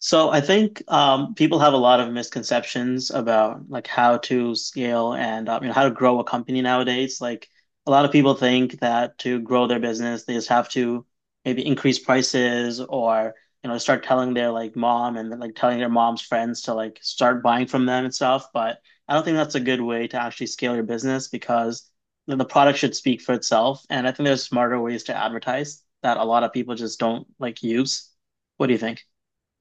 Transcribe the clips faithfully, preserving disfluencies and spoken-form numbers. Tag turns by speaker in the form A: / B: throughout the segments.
A: So I think um, people have a lot of misconceptions about like how to scale and uh, you know how to grow a company nowadays. Like a lot of people think that to grow their business, they just have to maybe increase prices or you know start telling their like mom and like telling their mom's friends to like start buying from them and stuff. But I don't think that's a good way to actually scale your business because the the product should speak for itself. And I think there's smarter ways to advertise that a lot of people just don't like use. What do you think?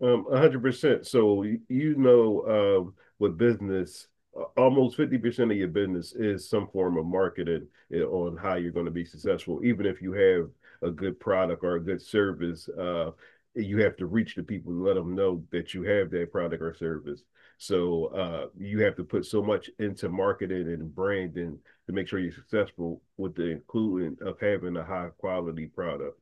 B: Um, one hundred percent. So you, you know, um, with business, a- almost fifty percent of your business is some form of marketing eh, on how you're going to be successful. Even if you have a good product or a good service, uh, you have to reach the people and let them know that you have that product or service. So uh, you have to put so much into marketing and branding to make sure you're successful with the including of having a high quality product.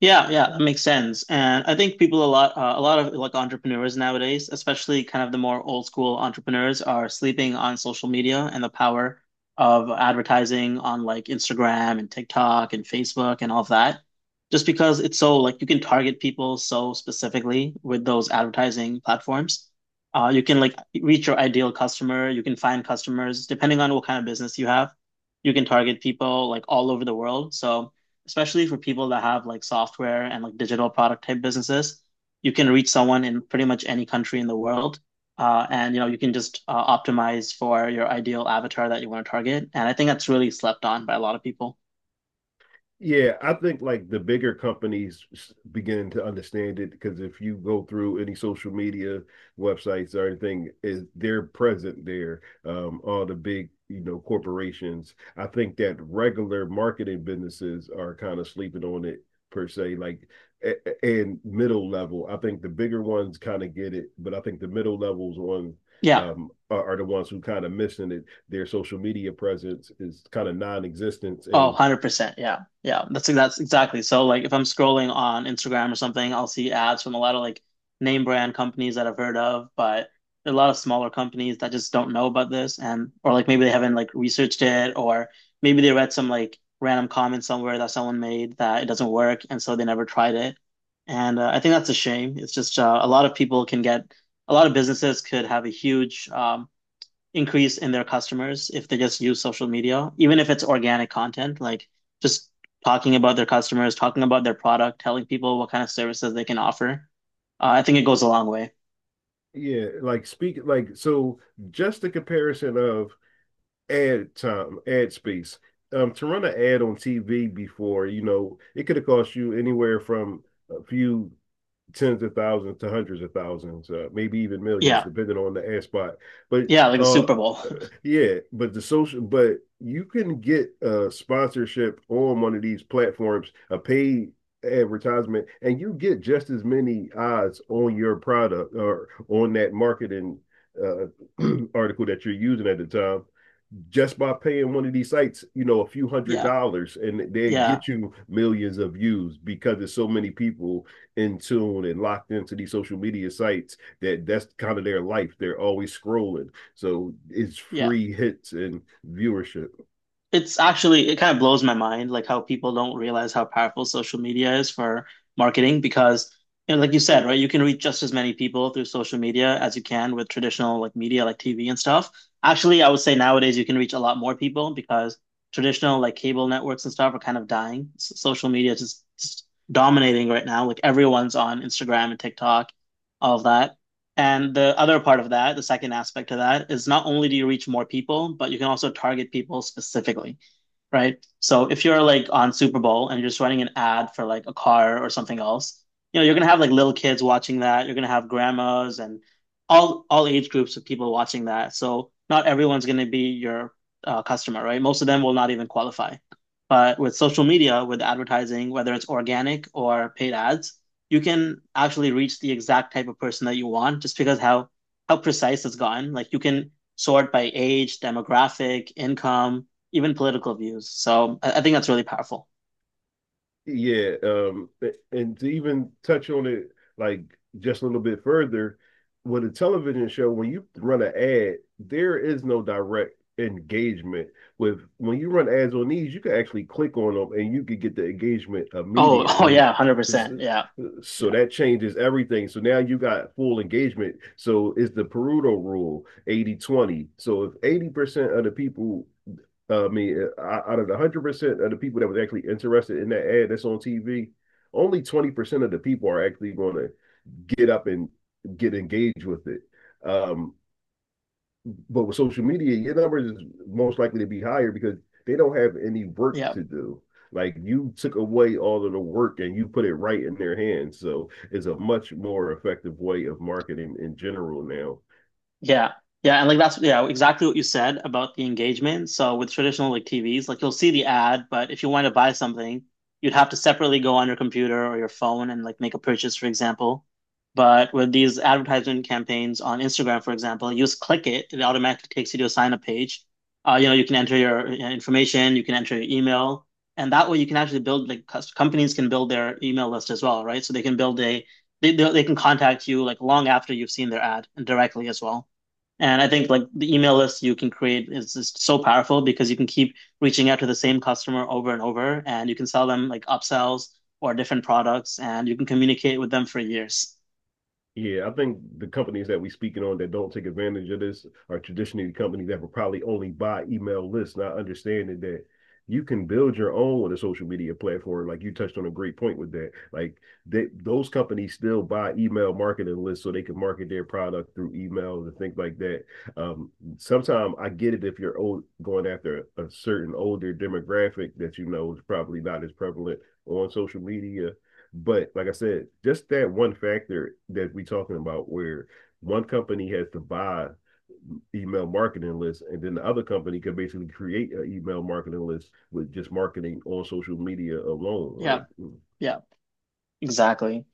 A: Yeah, yeah, that makes sense. And I think people a lot, uh, a lot of like entrepreneurs nowadays, especially kind of the more old school entrepreneurs, are sleeping on social media and the power of advertising on like Instagram and TikTok and Facebook and all of that. Just because it's so like you can target people so specifically with those advertising platforms. Uh, you can like reach your ideal customer. You can find customers depending on what kind of business you have. You can target people like all over the world. So especially for people that have like software and like digital product type businesses, you can reach someone in pretty much any country in the world. Uh, and you know you can just uh, optimize for your ideal avatar that you want to target, and I think that's really slept on by a lot of people.
B: Yeah, I think like the bigger companies s- begin to understand it, because if you go through any social media websites or anything, is they're present there. Um, all the big, you know, corporations. I think that regular marketing businesses are kind of sleeping on it per se, like a- a- and middle level. I think the bigger ones kind of get it, but I think the middle levels on
A: Yeah.
B: um are, are the ones who kind of missing it. Their social media presence is kind of non-existent.
A: Oh,
B: And
A: one hundred percent. Yeah. Yeah. That's that's exactly. So like if I'm scrolling on Instagram or something, I'll see ads from a lot of like name brand companies that I've heard of, but there are a lot of smaller companies that just don't know about this and or like maybe they haven't like researched it or maybe they read some like random comment somewhere that someone made that it doesn't work and so they never tried it. And uh, I think that's a shame. It's just uh, a lot of people can get, a lot of businesses could have a huge um increase in their customers if they just use social media, even if it's organic content, like just talking about their customers, talking about their product, telling people what kind of services they can offer. Uh, I think it goes a long way.
B: yeah, like speak like so just the comparison of ad time, ad space. Um, to run an ad on T V before, you know, it could have cost you anywhere from a few tens of thousands to hundreds of thousands, uh, maybe even millions,
A: Yeah.
B: depending on the ad spot. But
A: Yeah. Like the
B: uh,
A: Super Bowl.
B: yeah, but the social, but you can get a sponsorship on one of these platforms, a paid advertisement, and you get just as many odds on your product or on that marketing uh, article that you're using at the time, just by paying one of these sites, you know, a few hundred
A: Yeah.
B: dollars, and they
A: Yeah.
B: get you millions of views, because there's so many people in tune and locked into these social media sites that that's kind of their life. They're always scrolling, so it's
A: Yeah.
B: free hits and viewership.
A: It's actually, it kind of blows my mind, like how people don't realize how powerful social media is for marketing because, you know, like you said, right, you can reach just as many people through social media as you can with traditional like media, like T V and stuff. Actually, I would say nowadays you can reach a lot more people because traditional like cable networks and stuff are kind of dying. S Social media is just, just dominating right now. Like everyone's on Instagram and TikTok, all of that. And the other part of that, the second aspect of that, is not only do you reach more people, but you can also target people specifically, right? So if you're like on Super Bowl and you're just running an ad for like a car or something else, you know, you're gonna have like little kids watching that. You're gonna have grandmas and all all age groups of people watching that. So not everyone's gonna be your uh, customer, right? Most of them will not even qualify. But with social media, with advertising, whether it's organic or paid ads, you can actually reach the exact type of person that you want just because how how precise it's gotten. Like you can sort by age, demographic, income, even political views. So I, I think that's really powerful.
B: Yeah, um, and to even touch on it, like, just a little bit further, with a television show, when you run an ad, there is no direct engagement. With when you run ads on these, you can actually click on them and you can get the engagement
A: Oh, oh yeah,
B: immediately.
A: one hundred percent. Yeah.
B: So
A: Yeah.
B: that changes everything. So now you got full engagement. So it's the Pareto rule, eighty twenty. So if eighty percent of the people uh, I mean, uh, out of the one hundred percent of the people that was actually interested in that ad that's on T V, only twenty percent of the people are actually going to get up and get engaged with it. Um, but with social media, your numbers is most likely to be higher, because they don't have any work
A: Yeah.
B: to do. Like, you took away all of the work and you put it right in their hands. So it's a much more effective way of marketing in general now.
A: Yeah. Yeah. And like that's yeah, exactly what you said about the engagement. So with traditional like T Vs, like you'll see the ad, but if you want to buy something, you'd have to separately go on your computer or your phone and like make a purchase, for example. But with these advertisement campaigns on Instagram, for example, you just click it, it automatically takes you to a sign up page. Uh, you know, you can enter your uh, information, you can enter your email, and that way you can actually build like cus- companies can build their email list as well, right? So they can build a they they they can contact you like long after you've seen their ad and directly as well. And I think like the email list you can create is just so powerful because you can keep reaching out to the same customer over and over, and you can sell them like upsells or different products, and you can communicate with them for years.
B: Yeah, I think the companies that we're speaking on that don't take advantage of this are traditionally the companies that will probably only buy email lists, not understanding that you can build your own with a social media platform. Like you touched on a great point with that. Like they, those companies still buy email marketing lists so they can market their product through email and things like that. Um, Sometimes I get it if you're old, going after a certain older demographic that you know is probably not as prevalent on social media, but like I said, just that one factor that we are talking about, where one company has to buy email marketing list, and then the other company could basically create an email marketing list with just marketing on social media alone.
A: Yeah,
B: Like,
A: yeah, exactly.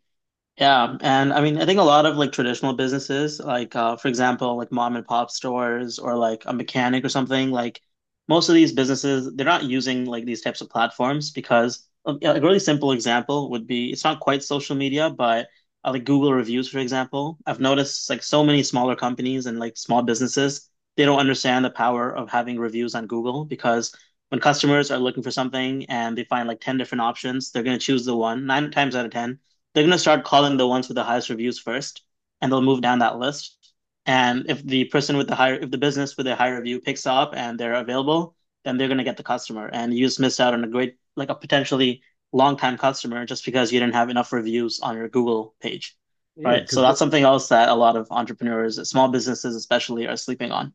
A: Yeah, and I mean, I think a lot of like traditional businesses, like uh, for example, like mom and pop stores or like a mechanic or something, like most of these businesses, they're not using like these types of platforms because uh, yeah, a really simple example would be it's not quite social media, but uh, like Google reviews, for example. I've noticed like so many smaller companies and like small businesses, they don't understand the power of having reviews on Google because when customers are looking for something and they find like ten different options, they're going to choose the one, nine times out of ten, they're going to start calling the ones with the highest reviews first, and they'll move down that list. And if the person with the higher, if the business with a higher review picks up and they're available, then they're going to get the customer. And you just missed out on a great, like a potentially long time customer just because you didn't have enough reviews on your Google page.
B: yeah,
A: Right. So
B: because
A: that's something else that a lot of entrepreneurs, small businesses especially, are sleeping on.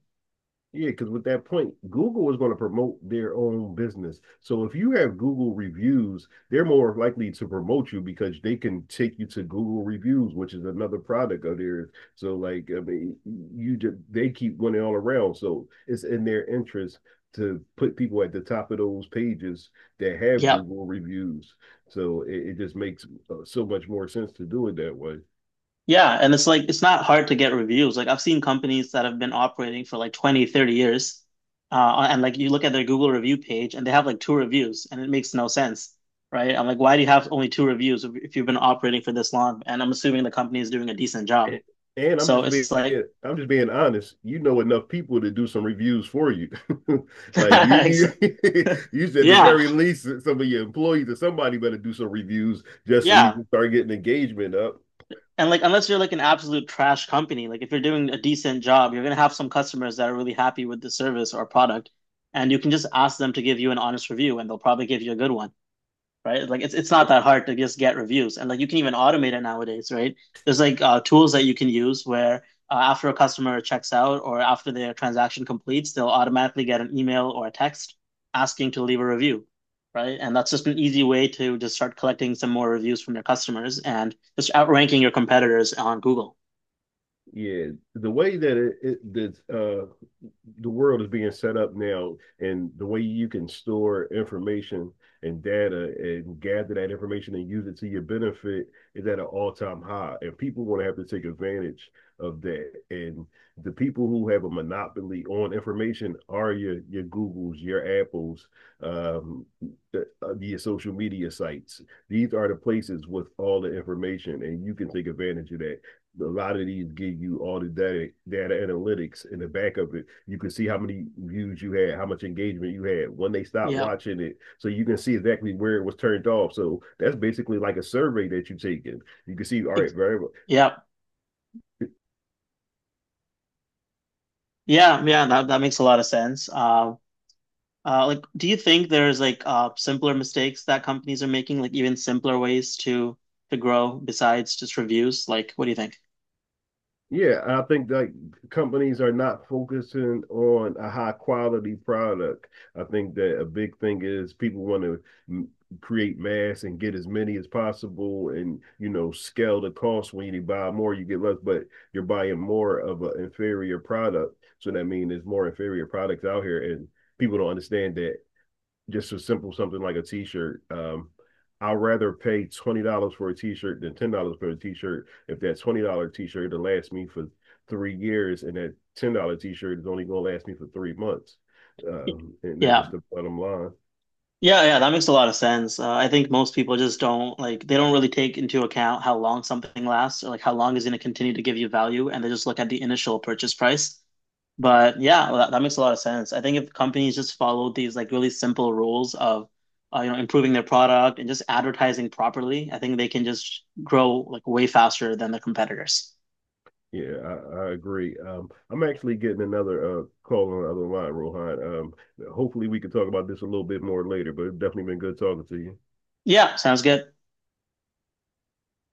B: yeah, because with that point, Google is going to promote their own business. So if you have Google reviews, they're more likely to promote you, because they can take you to Google reviews, which is another product of theirs. So like, I mean, you just, they keep winning all around. So it's in their interest to put people at the top of those pages that have
A: Yeah.
B: Google reviews. So it, it just makes uh, so much more sense to do it that way.
A: Yeah, and it's like it's not hard to get reviews. Like I've seen companies that have been operating for like twenty, thirty years, uh, and like you look at their Google review page and they have like two reviews and it makes no sense, right? I'm like, why do you have only two reviews if, if you've been operating for this long? And I'm assuming the company is doing a decent job.
B: and, and I'm
A: So
B: just being,
A: it's like,
B: I'm just being honest. You know enough people to do some reviews for you. Like
A: ex-
B: you, you, you said, the
A: yeah,
B: very least, some of your employees or somebody better do some reviews, just so you
A: yeah.
B: can start getting engagement up.
A: And like unless you're like an absolute trash company, like if you're doing a decent job, you're gonna have some customers that are really happy with the service or product, and you can just ask them to give you an honest review and they'll probably give you a good one. Right? Like it's it's not that hard to just get reviews, and like you can even automate it nowadays, right? There's like uh, tools that you can use where uh, after a customer checks out or after their transaction completes, they'll automatically get an email or a text asking to leave a review, right? And that's just an easy way to just start collecting some more reviews from your customers and just outranking your competitors on Google.
B: Yeah, the way that it, it that uh, the world is being set up now and the way you can store information and data and gather that information and use it to your benefit is at an all-time high, and people want to have to take advantage of that. And the people who have a monopoly on information are your your googles, your apples, um the, uh, your social media sites, these are the places with all the information, and you can take advantage of that. A lot of these give you all the data, data analytics in the back of it. You can see how many views you had, how much engagement you had, when they stopped
A: Yeah,
B: watching it. So you can see exactly where it was turned off. So that's basically like a survey that you're taking. You can see, all right, very well.
A: yeah, yeah, yeah. That that makes a lot of sense. Um, Uh, like, do you think there's like uh, simpler mistakes that companies are making, like even simpler ways to to grow besides just reviews? Like, what do you think?
B: Yeah, I think like companies are not focusing on a high quality product. I think that a big thing is people want to m- create mass and get as many as possible, and, you know, scale the cost. When you buy more, you get less, but you're buying more of an inferior product. So that means there's more inferior products out here, and people don't understand that. Just a simple something like a t-shirt. Um, I'd rather pay twenty dollars for a t-shirt than ten dollars for a t-shirt, if that twenty dollar t-shirt will last me for three years, and that ten dollar t-shirt is only going to last me for three months. um, and that's
A: Yeah.
B: just the bottom line.
A: Yeah, yeah, that makes a lot of sense. Uh, I think most people just don't like they don't really take into account how long something lasts or like how long is going to continue to give you value, and they just look at the initial purchase price. But yeah, well, that, that makes a lot of sense. I think if companies just followed these like really simple rules of uh, you know improving their product and just advertising properly, I think they can just grow like way faster than their competitors.
B: Yeah, I, I agree. Um, I'm actually getting another uh, call on the other line, Rohan. Um, hopefully we can talk about this a little bit more later. But it's definitely been good talking to you.
A: Yeah, sounds good.